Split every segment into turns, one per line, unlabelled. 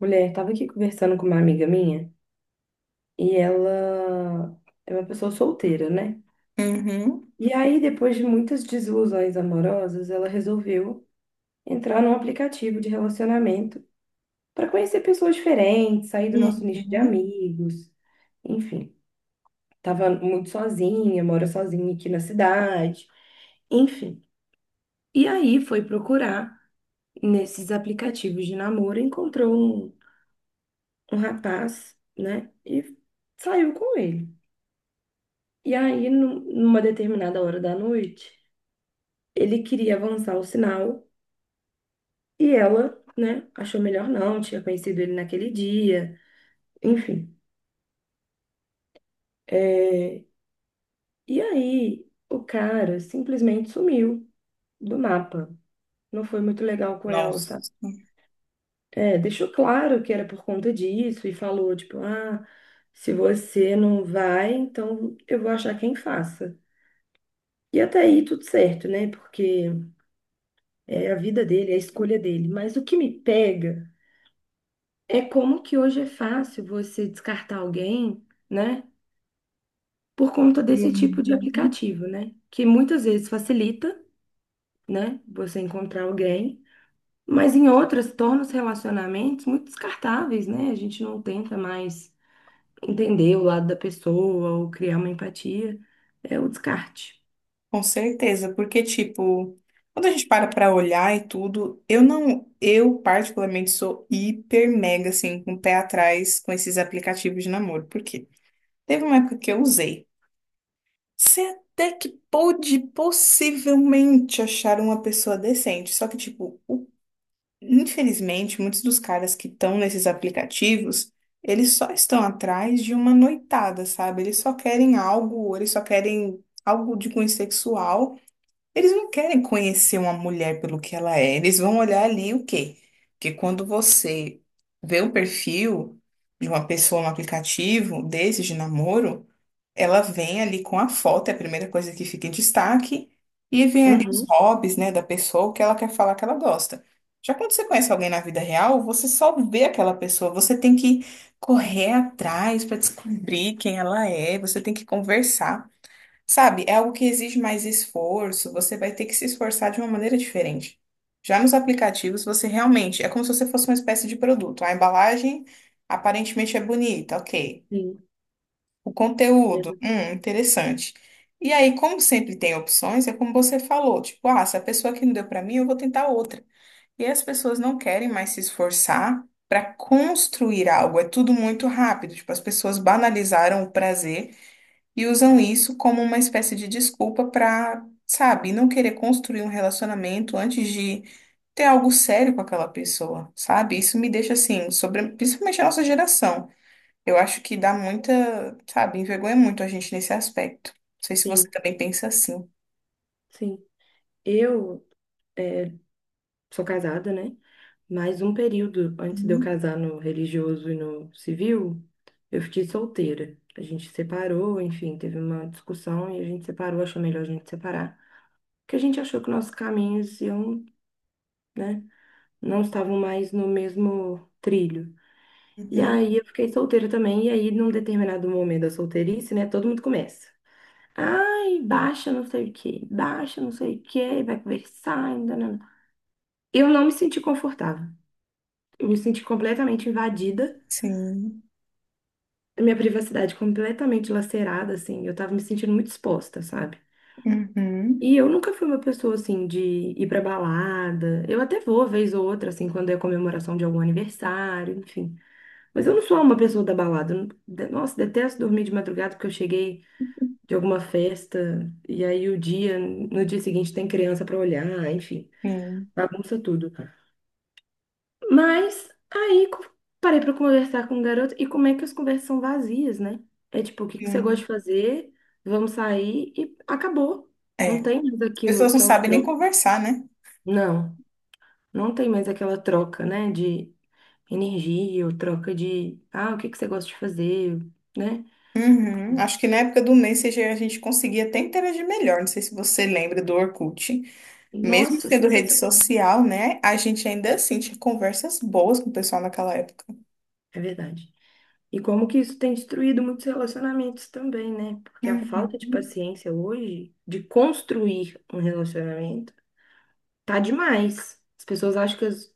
Mulher, tava aqui conversando com uma amiga minha e ela é uma pessoa solteira, né?
Uhum.
E aí, depois de muitas desilusões amorosas, ela resolveu entrar num aplicativo de relacionamento para conhecer pessoas diferentes, sair do nosso nicho de
Uhum.
amigos, enfim. Tava muito sozinha, mora sozinha aqui na cidade, enfim. E aí foi procurar nesses aplicativos de namoro, encontrou um, um rapaz, né? E saiu com ele. E aí, numa determinada hora da noite, ele queria avançar o sinal e ela, né, achou melhor não, tinha conhecido ele naquele dia, enfim. É, e aí, o cara simplesmente sumiu do mapa. Não foi muito legal com ela,
Nossa.
sabe? É, deixou claro que era por conta disso e falou, tipo, ah, se você não vai, então eu vou achar quem faça. E até aí tudo certo, né? Porque é a vida dele, é a escolha dele. Mas o que me pega é como que hoje é fácil você descartar alguém, né? Por conta desse tipo de
Uhum.
aplicativo, né? Que muitas vezes facilita, né? Você encontrar alguém, mas em outras torna os relacionamentos muito descartáveis, né? A gente não tenta mais entender o lado da pessoa ou criar uma empatia. É o descarte.
Com certeza, porque tipo, quando a gente para pra olhar e tudo, eu não, eu particularmente sou hiper mega assim, com o pé atrás com esses aplicativos de namoro, por quê? Teve uma época que eu usei. Você até que pôde possivelmente achar uma pessoa decente, só que tipo, o infelizmente, muitos dos caras que estão nesses aplicativos, eles só estão atrás de uma noitada, sabe? Eles só querem algo, eles só querem algo de cunho sexual. Eles não querem conhecer uma mulher pelo que ela é. Eles vão olhar ali o quê? Porque quando você vê o perfil de uma pessoa no aplicativo desses de namoro, ela vem ali com a foto, é a primeira coisa que fica em destaque, e vem ali os
Uhum,
hobbies, né, da pessoa, o que ela quer falar que ela gosta. Já quando você conhece alguém na vida real, você só vê aquela pessoa, você tem que correr atrás para descobrir quem ela é, você tem que conversar, sabe? É algo que exige mais esforço, você vai ter que se esforçar de uma maneira diferente. Já nos aplicativos, você realmente, é como se você fosse uma espécie de produto. A embalagem aparentemente é bonita, ok.
sim,
O conteúdo,
exa-
interessante. E aí, como sempre tem opções, é como você falou, tipo, ah, se a pessoa que não deu para mim, eu vou tentar outra. E as pessoas não querem mais se esforçar para construir algo, é tudo muito rápido. Tipo, as pessoas banalizaram o prazer e usam isso como uma espécie de desculpa para, sabe, não querer construir um relacionamento antes de ter algo sério com aquela pessoa, sabe? Isso me deixa assim, sobre, principalmente a nossa geração. Eu acho que dá muita, sabe, envergonha muito a gente nesse aspecto. Não sei se você
sim,
também pensa assim.
sim. Eu eh, sou casada, né? Mais um período antes de eu
Uhum,
casar no religioso e no civil, eu fiquei solteira. A gente separou, enfim, teve uma discussão e a gente separou, achou melhor a gente separar. Porque a gente achou que nossos caminhos iam, né, não estavam mais no mesmo trilho. E
uhum,
aí eu fiquei solteira também, e aí num determinado momento da solteirice, né, todo mundo começa. Ai, baixa não sei o quê, baixa não sei o quê, vai conversar, ainda não. Eu não me senti confortável. Eu me senti completamente invadida.
sim.
Minha privacidade completamente lacerada, assim, eu tava me sentindo muito exposta, sabe?
Uhum,
E eu nunca fui uma pessoa, assim, de ir pra balada. Eu até vou, vez ou outra, assim, quando é comemoração de algum aniversário, enfim. Mas eu não sou uma pessoa da balada. Eu não- de- Nossa, detesto dormir de madrugada porque eu cheguei de alguma festa e aí o dia, no dia seguinte tem criança pra olhar, enfim,
sim,
bagunça tudo. Mas aí parei pra conversar com o garoto e como é que as conversas são vazias, né? É tipo, o que que você gosta de
sim.
fazer? Vamos sair e acabou.
É.
Não
As
tem mais aquilo,
pessoas não
aquela
sabem nem
troca.
conversar, né?
Não, não tem mais aquela troca, né? De energia ou troca de, ah, o que que você gosta de fazer, né?
Uhum. Acho que na época do Messenger a gente conseguia até interagir melhor. Não sei se você lembra do Orkut. Mesmo
Nossa,
sendo rede
sensacional.
social, né? A gente ainda assim tinha conversas boas com o pessoal naquela época.
É verdade. E como que isso tem destruído muitos relacionamentos também, né? Porque a falta
Uhum.
de paciência hoje de construir um relacionamento tá demais. As pessoas acham que,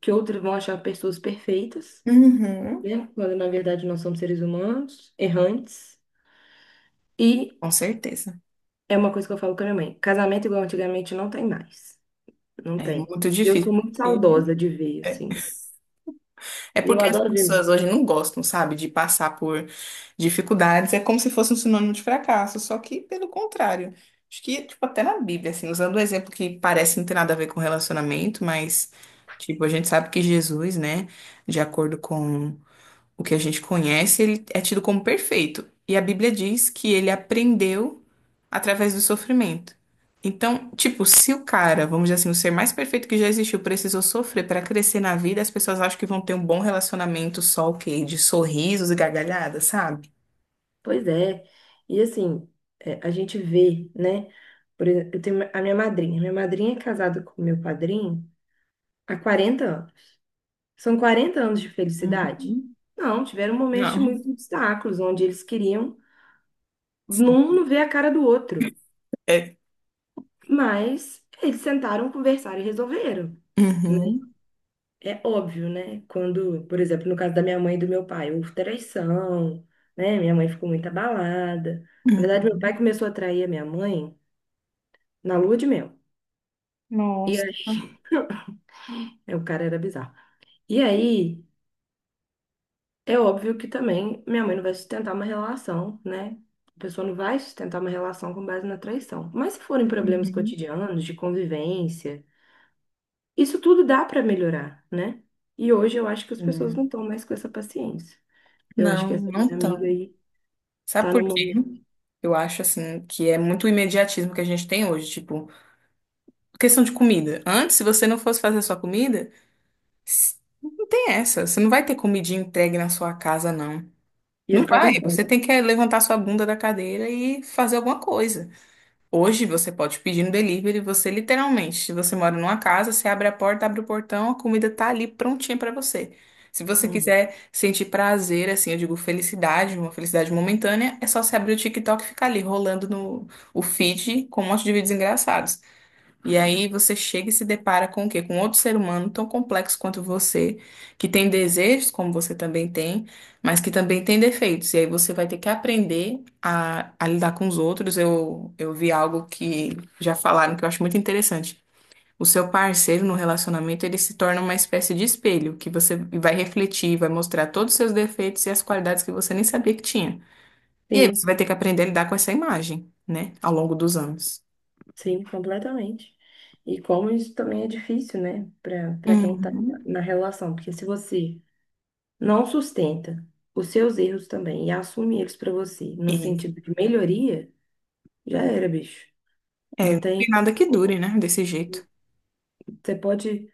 que outras vão achar pessoas perfeitas,
Uhum.
né? Quando na verdade nós somos seres humanos, errantes. E
Com certeza.
é uma coisa que eu falo com a minha mãe: casamento igual antigamente não tem mais. Não
É
tem.
muito
E eu sou
difícil.
muito saudosa de ver, assim.
É
Eu
porque as
adoro ver.
pessoas hoje não gostam, sabe, de passar por dificuldades. É como se fosse um sinônimo de fracasso, só que pelo contrário. Acho que, tipo, até na Bíblia, assim, usando um exemplo que parece não ter nada a ver com relacionamento, mas, tipo, a gente sabe que Jesus, né, de acordo com o que a gente conhece, ele é tido como perfeito. E a Bíblia diz que ele aprendeu através do sofrimento. Então, tipo, se o cara, vamos dizer assim, o ser mais perfeito que já existiu, precisou sofrer para crescer na vida, as pessoas acham que vão ter um bom relacionamento só o quê? De sorrisos e gargalhadas, sabe?
Pois é. E assim, é, a gente vê, né? Por exemplo, eu tenho a minha madrinha. Minha madrinha é casada com meu padrinho há 40 anos. São 40 anos de felicidade?
Uhum.
Não, tiveram momentos de
Não.
muitos obstáculos, onde eles queriam um não ver a cara do outro.
É.
Mas eles sentaram, conversaram e resolveram. Né?
Uhum.
É óbvio, né? Quando, por exemplo, no caso da minha mãe e do meu pai, houve traição, né? Minha mãe ficou muito abalada. Na verdade, meu pai
Uhum.
começou a trair a minha mãe na lua de mel. E
Nossa.
aí, o cara era bizarro. E aí, é óbvio que também minha mãe não vai sustentar uma relação, né? A pessoa não vai sustentar uma relação com base na traição. Mas se forem problemas
Uhum.
cotidianos, de convivência, isso tudo dá para melhorar, né? E hoje eu acho que as pessoas não
Hum.
estão mais com essa paciência. Eu acho
Não,
que essa
não
minha
tão.
amiga aí
Sabe
tá no
por quê?
momento.
Eu acho assim que é muito imediatismo que a gente tem hoje, tipo, questão de comida. Antes, se você não fosse fazer sua comida, s- não tem essa. Você não vai ter comidinha entregue na sua casa, não.
Ia
Não
ficar com
vai. Você
fome.
tem que é, levantar sua bunda da cadeira e fazer alguma coisa. Hoje você pode pedir no delivery, você literalmente, se você mora numa casa, você abre a porta, abre o portão, a comida tá ali prontinha pra você. Se você
Uhum.
quiser sentir prazer, assim, eu digo felicidade, uma felicidade momentânea, é só você abrir o TikTok e ficar ali rolando no o feed com um monte de vídeos engraçados. E aí você chega e se depara com o quê? Com outro ser humano tão complexo quanto você, que tem desejos, como você também tem, mas que também tem defeitos. E aí você vai ter que aprender a lidar com os outros. Eu vi algo que já falaram que eu acho muito interessante. O seu parceiro no relacionamento, ele se torna uma espécie de espelho, que você vai refletir, vai mostrar todos os seus defeitos e as qualidades que você nem sabia que tinha. E aí você
Sim,
vai ter que aprender a lidar com essa imagem, né, ao longo dos anos.
sim, completamente. E como isso também é difícil, né? Para para quem tá
Uhum.
na relação. Porque se você não sustenta os seus erros também e assume eles para você, no sentido de melhoria, já era, bicho.
É,
Não
não tem
tem,
nada que dure, né? Desse jeito.
você pode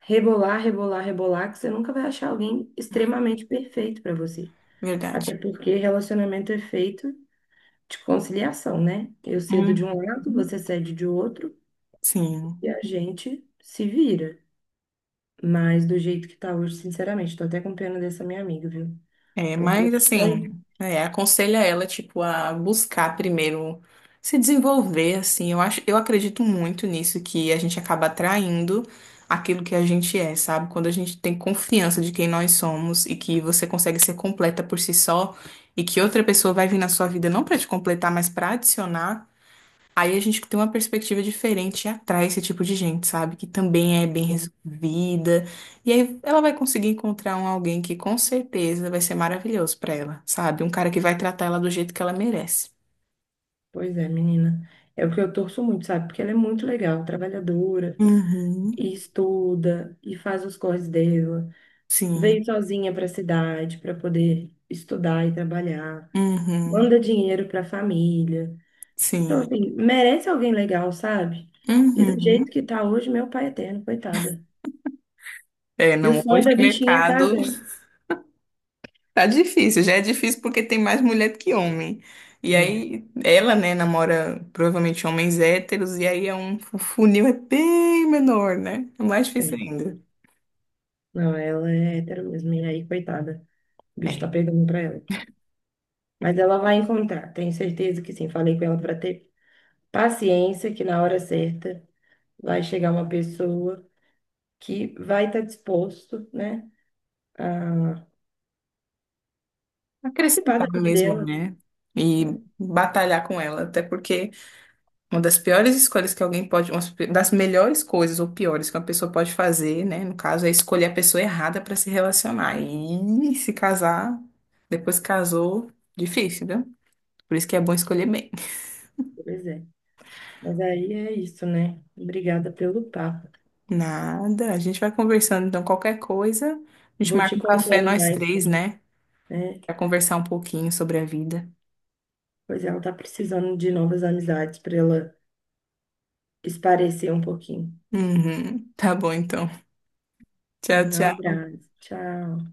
rebolar, rebolar, rebolar, que você nunca vai achar alguém extremamente perfeito para você.
Verdade.
Até porque relacionamento é feito de conciliação, né? Eu cedo de um
Uhum.
lado, você cede de outro
Sim.
e a gente se vira. Mas do jeito que tá hoje, sinceramente, tô até com pena dessa minha amiga, viu?
É,
Porque o
mas assim,
sonho...
é, aconselho a ela, tipo, a buscar primeiro se desenvolver, assim. Eu acho, eu acredito muito nisso, que a gente acaba atraindo aquilo que a gente é, sabe? Quando a gente tem confiança de quem nós somos e que você consegue ser completa por si só e que outra pessoa vai vir na sua vida não pra te completar, mas pra adicionar. Aí a gente tem uma perspectiva diferente e atrai esse tipo de gente, sabe? Que também é bem resolvida. E aí ela vai conseguir encontrar um alguém que com certeza vai ser maravilhoso pra ela, sabe? Um cara que vai tratar ela do jeito que ela merece.
Pois é, menina. É o que eu torço muito, sabe? Porque ela é muito legal, trabalhadora,
Uhum,
e estuda, e faz os corres dela.
sim.
Veio sozinha para a cidade para poder estudar e trabalhar.
Uhum,
Manda dinheiro para a família. Então,
sim.
assim, merece alguém legal, sabe? E do jeito
Uhum.
que tá hoje, meu pai é eterno, coitada.
É,
E o
não,
sonho
hoje
da
o
bichinha é
mercado.
casar.
Tá difícil, já é difícil porque tem mais mulher do que homem. E
Né?
aí, ela, né, namora provavelmente homens héteros, e aí é o funil é bem menor, né? É mais
É.
difícil
É.
ainda.
Não, ela é hétero mesmo. E aí, coitada. O bicho tá
É,
pegando pra ela. Mas ela vai encontrar, tenho certeza que sim. Falei com ela para ter. Paciência, que na hora certa vai chegar uma pessoa que vai estar disposto, né, a participar da
acrescentar
vida
mesmo,
dela.
né? E batalhar com ela, até porque uma das melhores coisas ou piores que uma pessoa pode fazer, né, no caso, é escolher a pessoa errada para se relacionar. E se casar, depois que casou, difícil, né? Por isso que é bom escolher bem.
Pois é. Mas aí é isso, né? Obrigada pelo papo.
Nada. A gente vai conversando, então, qualquer coisa, a gente
Vou te
marca um café
contando
nós
mais,
três,
sobre,
né?
né?
Pra conversar um pouquinho sobre a vida.
Pois ela tá precisando de novas amizades para ela esparecer um pouquinho.
Uhum. Tá bom, então. Tchau,
Um
tchau.
abraço. Tchau.